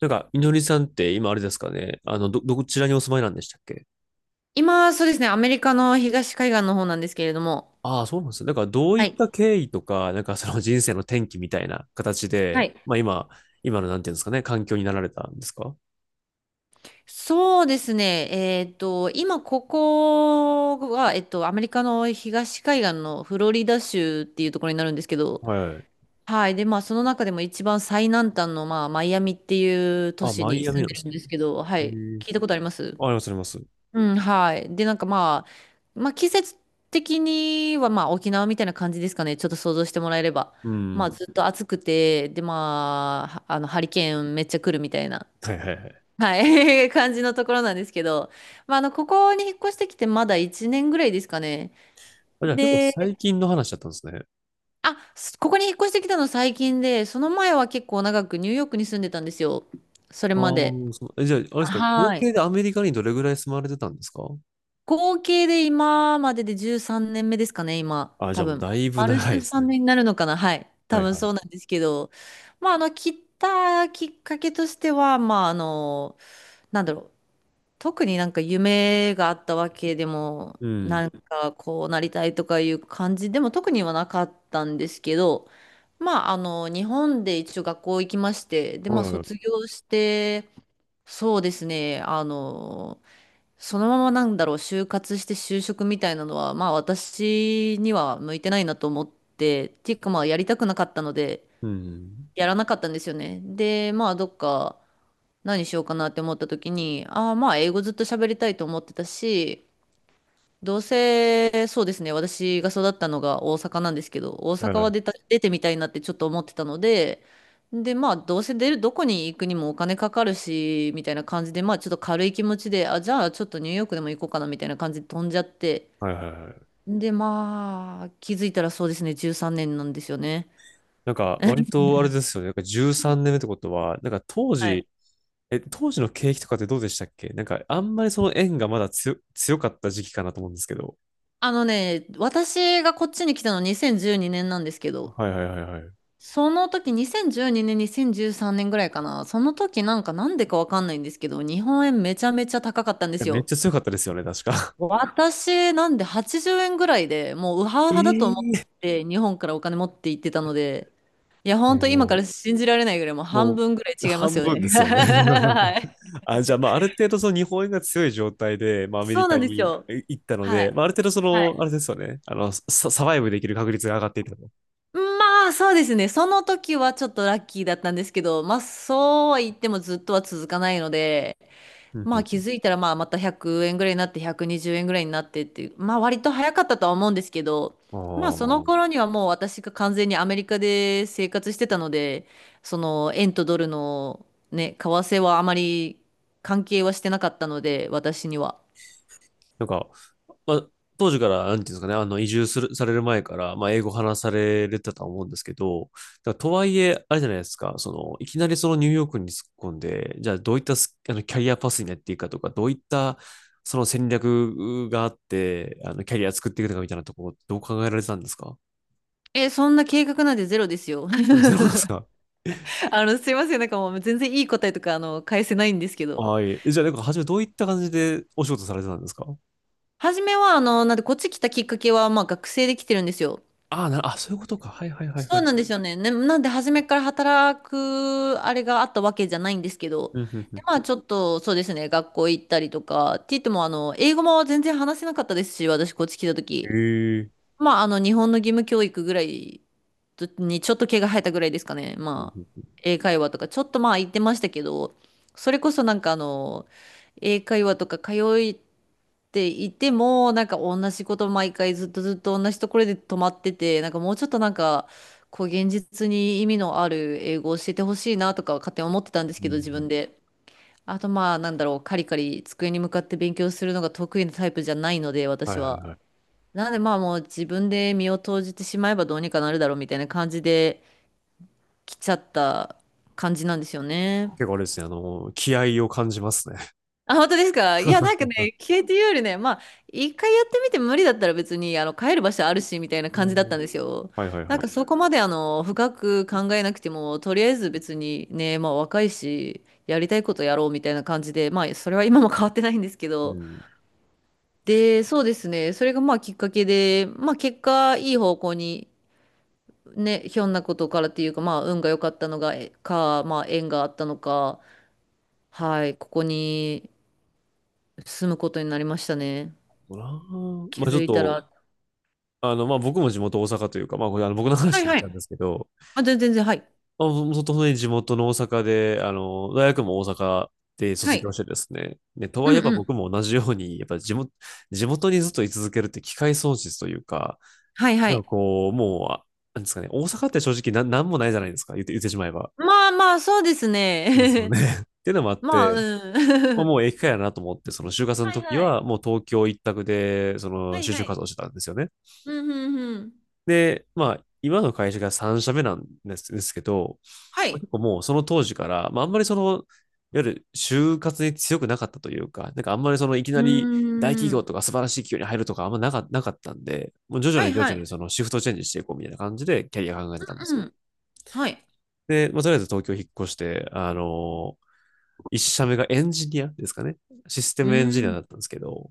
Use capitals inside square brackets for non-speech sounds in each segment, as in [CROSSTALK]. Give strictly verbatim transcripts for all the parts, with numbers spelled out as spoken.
なんか、みのりさんって今あれですかね、あの、ど、どちらにお住まいなんでしたっけ？今、そうですね、アメリカの東海岸の方なんですけれども、ああ、そうなんですね。だから、どういはっい。た経緯とか、なんかその人生の転機みたいな形はで、い。まあ今、今のなんていうんですかね、環境になられたんですか？そうですね、えっと、今、ここは、えっと、アメリカの東海岸のフロリダ州っていうところになるんですけど、はい。はい。で、まあ、その中でも一番最南端の、まあ、マイアミっていう都あ、市マにイアミ住んなんででするんでね。すけど、はい、へえ。聞いたことあります？あ、あります、あります。うん、はい。で、なんかまあ、まあ季節的にはまあ沖縄みたいな感じですかね。ちょっと想像してもらえれば。うまん。あずっと暑くて、でまあ、あのハリケーンめっちゃ来るみたいな、はいはいはい。はい、[LAUGHS] 感じのところなんですけど、まああの、ここに引っ越してきてまだいちねんぐらいですかね。あ、じゃあ結構で、最近の話だったんですね。あ、すここに引っ越してきたの最近で、その前は結構長くニューヨークに住んでたんですよ。それああ、まで。そう。え、じゃあ、あれですか、合はい。計でアメリカにどれぐらい住まれてたんですか？合計で今まででじゅうさんねんめですかね、今。あ、じ多ゃあもう分。だいぶ丸長いです13ね。年になるのかな。はい。は多い分はそい。うなんですけど。まあ、あの、切ったきっかけとしては、まあ、あの、なんだろう。特になんか夢があったわけでも、うん。なんかこうなりたいとかいう感じでも特にはなかったんですけど、まあ、あの、日本で一応学校行きまして、で、はまいあ、は卒い。業して、そうですね、あの、そのままなんだろう、就活して就職みたいなのは、まあ私には向いてないなと思って、っていうかまあやりたくなかったので、うん。やらなかったんですよね。で、まあどっか何しようかなって思った時に、ああまあ英語ずっと喋りたいと思ってたし、どうせ、そうですね、私が育ったのが大阪なんですけど、大はい阪ははい。出た、出てみたいなってちょっと思ってたので、で、まあ、どうせ出る、どこに行くにもお金かかるし、みたいな感じで、まあ、ちょっと軽い気持ちで、あ、じゃあ、ちょっとニューヨークでも行こうかな、みたいな感じで飛んじゃって、はいはいはい。で、まあ、気づいたらそうですね、じゅうさんねんなんですよね。なんか、割とあれですよね。なんかじゅうさんねんめってことは、なんか当はい。時、え、当時の景気とかってどうでしたっけ？なんか、あんまりその円がまだ強、強かった時期かなと思うんですけど。あのね、私がこっちに来たのにせんじゅうにねんなんですけど、はいはいはいはい。いその時、にせんじゅうにねん、にせんじゅうさんねんぐらいかな。その時なんかなんでかわかんないんですけど、日本円めちゃめちゃ高かったんでや、すめっよ。ちゃ強かったですよね、確か。私、なんではちじゅうえんぐらいでもうウハウハだと思 [LAUGHS] えっえて日本からお金持って行ってたので、いや、ほんえ、と今かもら信じられないぐらいもうう、半も分ぐらいう、違いま半すよ分ね。で [LAUGHS] すよね。[LAUGHS] はい。あ、じゃあ、まあ、ある程度その日本円が強い状態で、まあ、アメそリうなカんですによ。え行ったのはで、い。まあ、ある程度そはの、あい。れですよね。あの、サ、サバイブできる確率が上がっていたと。まあ、そうですね。その時はちょっとラッキーだったんですけど、まあ、そうは言ってもずっとは続かないので、うんまうあ気んづいたらまあまたひゃくえんぐらいになってひゃくにじゅうえんぐらいになってっていう、まあ割と早かったとは思うんですけど、うまあそん。のああ。頃にはもう私が完全にアメリカで生活してたので、その円とドルのね、為替はあまり関係はしてなかったので、私には。なんか、まあ、当時から、なんていうんですかね、あの、移住する、される前から、まあ、英語話されてたと思うんですけど、だからとはいえ、あれじゃないですか、その、いきなりそのニューヨークに突っ込んで、じゃあどういったスあのキャリアパスになっていくかとか、どういったその戦略があって、あの、キャリア作っていくのかみたいなところ、どう考えられてたんですか？え、そんな計画なんてゼロですよ。あ、ゼロですか？ [LAUGHS] あの、すいません、なんかもう全然いい答えとかあの返せないんですけど。はい。え、じゃあ、なんか、初めどういった感じでお仕事されてたんですか？初めはあの、なんでこっち来たきっかけはまあ学生で来てるんですよ。ああ、な、あ、そういうことか。はいはいはいそはうい。なんですよね。ね、なんで初めから働くあれがあったわけじゃないんですけど、うんうんうで、ん。まあちょっとそうですね、学校行ったりとか、って言ってもあの、英語も全然話せなかったですし、私こっち来たへ時。え。まああの、日本の義務教育ぐらいとにちょっと毛が生えたぐらいですかね。うんまあ、うんう英会話とか、ちょっとまあ言ってましたけど、それこそなんかあの、英会話とか通い、っていても、なんか同じこと毎回ずっとずっと同じところで止まってて、なんかもうちょっとなんか、こう現実に意味のある英語を教えてほしいなとかは勝手に思ってたんですんうけんど、自うん。分で。あとまあ、なんだろう、カリカリ机に向かって勉強するのが得意なタイプじゃないので、はい私はいは。はい。なのでまあもう自分で身を投じてしまえばどうにかなるだろうみたいな感じで来ちゃった感じなんですよね。結構あれですね、あの、気合を感じますね。あ、本当ですか？いや、なんか [LAUGHS] ね、消えていうよりね、まあ、一回やってみて無理だったら別に、あの、帰る場所あるし、みたいなう感じだっん。たんですよ。はいはいなはんい。かそこまで、あの、深く考えなくても、とりあえず別にね、まあ、若いし、やりたいことやろうみたいな感じで、まあ、それは今も変わってないんですけうど。ん。で、そうですね、それがまあ、きっかけで、まあ、結果、いい方向に、ね、ひょんなことからっていうか、まあ、運が良かったのが、えか、まあ、縁があったのか、はい、ここに住むことになりましたね。なあ、気まあちょづっいたと、ら、あの、まあ僕も地元大阪というか、まあこれあの僕のは話いになっはちゃうんい。ですけど、あ、全然全然、はい。まあ、も本当に地元の大阪で、あの、大学も大阪では卒業い。してですね、ね、とはういんえばう僕ん。も同じように、やっぱ地元、地元にずっと居続けるって機会損失というか、はいはなんい。かこう、もう、あなんですかね、大阪って正直な、なんもないじゃないですか、言って、言ってしまえば。まあまあ、そうですですよね。ね。[LAUGHS] っていうのもあっ [LAUGHS] まあ、て、まうあ、ん。も [LAUGHS] う駅かやなと思って、その就活のはい時はい。は、もう東京一択で、そはのい就は職い。活動してたんですよね。うんうんうん。で、まあ、今の会社がさんしゃめ社目なんですですけど、はまあい。結構もうその当時から、まあ、あんまりその、いわゆる就活に強くなかったというか、なんかあんまりそのいきなうり大企ー業ん。とか素晴らしい企業に入るとかあんまなか、なかったんで、もう徐は々いに徐は々にい。そのシフトチェンジしていこうみたいな感じでキャリア考えてたんですうよ。ん。はい。で、まあ、とりあえず東京引っ越して、あのーいっしゃめがエンジニアですかね。システうムエンジニーアだん。ったんですけど、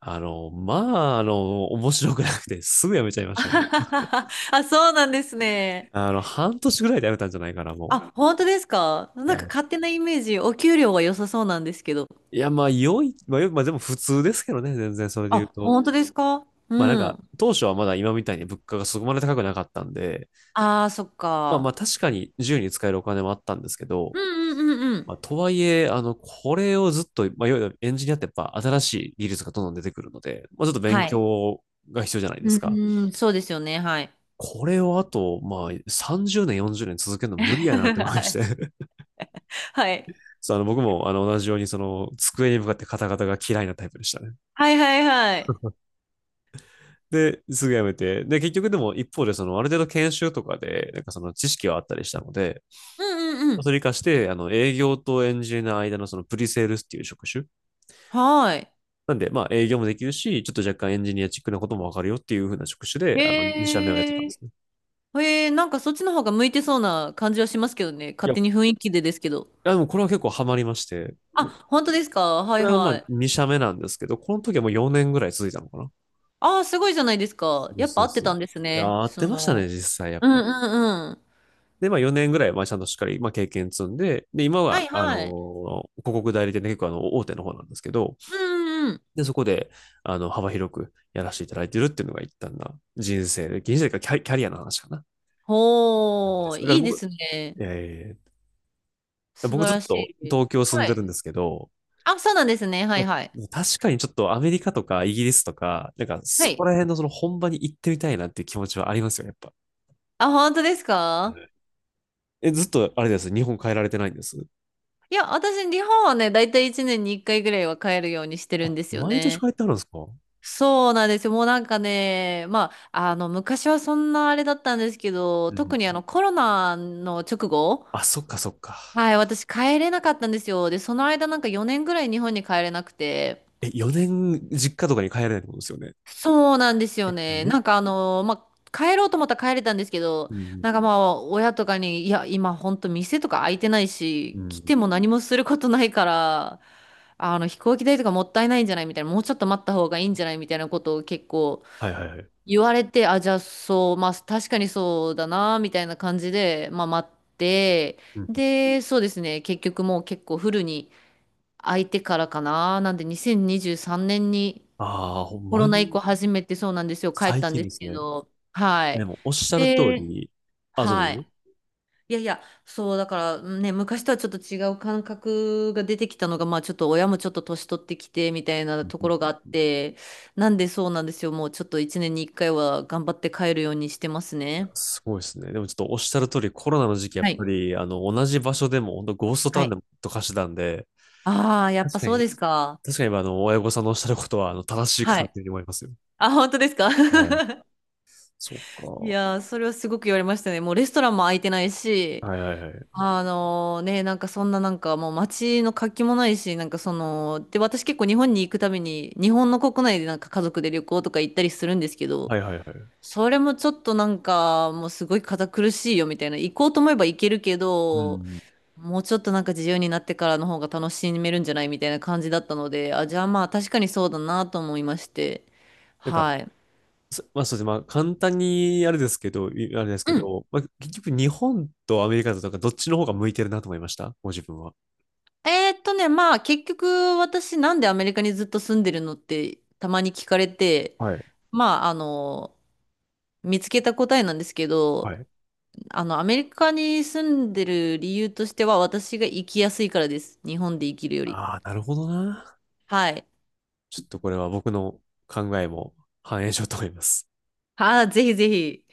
あの、まあ、あの、面白くなくて、すぐ辞めちゃい [LAUGHS] ましたね。あ、そうなんですね。あの、半年ぐらいで辞めたんじゃないかな、もあ、本当ですか？う。いなんや、か勝手なイメージ、お給料は良さそうなんですけど。いやまあ、良い、まあ、まあ、でも普通ですけどね、全然それであ、言うと。本当ですか？まあなんうか、ん。当初はまだ今みたいに物価がそこまで高くなかったんで、ああ、そっまあまあか。確かに自由に使えるお金もあったんですけど、うんうんうんうん。まあ、とはいえ、あの、これをずっと、まあ、いわゆるエンジニアってやっぱ新しい技術がどんどん出てくるので、まあ、ちょっと勉はい。強が必要じゃないでうすか。ーん、そうですよね。はい。これをあと、まあ、さんじゅうねん、よんじゅうねん続けるの [LAUGHS] 無理やなって思いまはして。い。[LAUGHS] はい。そう、あの、僕も、あの、同じように、その、机に向かってカタカタが嫌いなタイプでしたね。はいはいはい。[LAUGHS] で、すぐやめて。で、結局でも、一方で、その、ある程度研修とかで、なんかその、知識はあったりしたので、うんうんうん。それに活かして、あの、営業とエンジニアの間のその、プリセールスっていう職種。はい。なんで、まあ、営業もできるし、ちょっと若干エンジニアチックなこともわかるよっていう風な職種で、あの、へにしゃめ社目をやってたえ。んですね。へえー、なんかそっちの方が向いてそうな感じはしますけどね。い勝や、手に雰囲気でですけど。あ、でもこれは結構ハマりまして、あ、本当ですか？はこいれはまはあい。にしゃめ社目なんですけど、この時はもうよねんぐらい続いたのかなああ、すごいじゃないですか。でやっすぱ合でってす。たいんですやー、ね。合ってそましたね、の、実際やっうんうぱ。んうん。で、まあよねんぐらい、まあちゃんとしっかり、まあ経験積んで、で、今はは、いあのはい。ー広告代理店で結構あの、大手の方なんですけど、うんうんうん。で、そこで、あの、幅広くやらせていただいてるっていうのが一旦な人生で、人生かキャリキャリアの話かな。でほー、すだねかいらいで僕、すね。えー素僕晴ずっらしとい。東京住んはでるい。んですけど、あ、そうなんですね。はまいはい。あ確かにちょっとアメリカとかイギリスとか、なんかはそこい。ら辺のその本場に行ってみたいなっていう気持ちはありますよ、やっぱ。あ、本当ですか？え、ずっとあれです。日本帰られてないんです？いや、私、日本はね、だいたいいちねんにいっかいぐらいは帰るようにしてるあ、んですよ毎年ね。帰ってあるんですか？うん。そうなんですよ。もうなんかね、まあ、あの、昔はそんなあれだったんですけど、特にあの、コロナの直後、あ、そっかそっか。はい、私帰れなかったんですよ。で、その間なんかよねんぐらい日本に帰れなくて、え、よねん実家とかに帰れないってことですよね。そうなんですよえ、ね。ね。なんかあの、まあ、帰ろうと思ったら帰れたんですけど、うんなんかまあ、親とかに、いや、今ほんと店とか開いてないうし、来ん。ても何もすることないから、あの飛行機代とかもったいないんじゃないみたいな、もうちょっと待った方がいいんじゃないみたいなことを結構はいはいはい。言われて、あ、じゃあそう、まあ確かにそうだな、みたいな感じで、まあ待って、うん。で、そうですね、結局もう結構フルに空いてからかな、なんで2023年にじゅうさんねんにああ、ほんコまロナ以降に初めてそうなんですよ、帰っ最たん近でですすけね。ど、はえ、でい。もおっしゃる通で、り、あ、どうはい。ぞ。いやいや、そう、だからね、昔とはちょっと違う感覚が出てきたのが、まあちょっと親もちょっと年取ってきてみたいなところがあって、なんでそうなんですよ。もうちょっといちねんにいっかいは頑張って帰るようにしてますいや、ね。すごいですね。でもちょっとおっしゃる通り、コロナの時期、やっはぱい。り、あの、同じ場所でも、本当ゴーストタはウンでい。もと貸してたんで、ああ、やっ確ぱかそうに、ですか。確かに、あの、親御さんのおっしゃることは、あの、正しいかはなっい。ていうふうに思いますよ。あ、本当ですか？ はい。[LAUGHS] そういか。やー、それはすごく言われましたね。もうレストランも空いてないし、はいはいはい。あのね、なんかそんななんかもう街の活気もないし、なんかその、で、私結構日本に行くために、日本の国内でなんか家族で旅行とか行ったりするんですけど、はいはいはい。それもちょっとなんかもうすごい堅苦しいよみたいな、行こうと思えば行けるけうど、ん。もうちょっとなんか自由になってからの方が楽しめるんじゃないみたいな感じだったので、あ、じゃあまあ確かにそうだなと思いまして、なんか、はい。そまあそうですね。まあ簡単にあれですけど、いあれですうけん。ど、まあ結局日本とアメリカだとなんかどっちの方が向いてるなと思いました。ご自分は。えーっとね、まあ結局私なんでアメリカにずっと住んでるのってたまに聞かれて、はい。まあ、あの、見つけた答えなんですけはど、い。あの、アメリカに住んでる理由としては、私が生きやすいからです。日本で生きるより。ああ、なるほどな。はい。ちょっとこれは僕の考えも反映しようと思います。ああ、ぜひぜひ。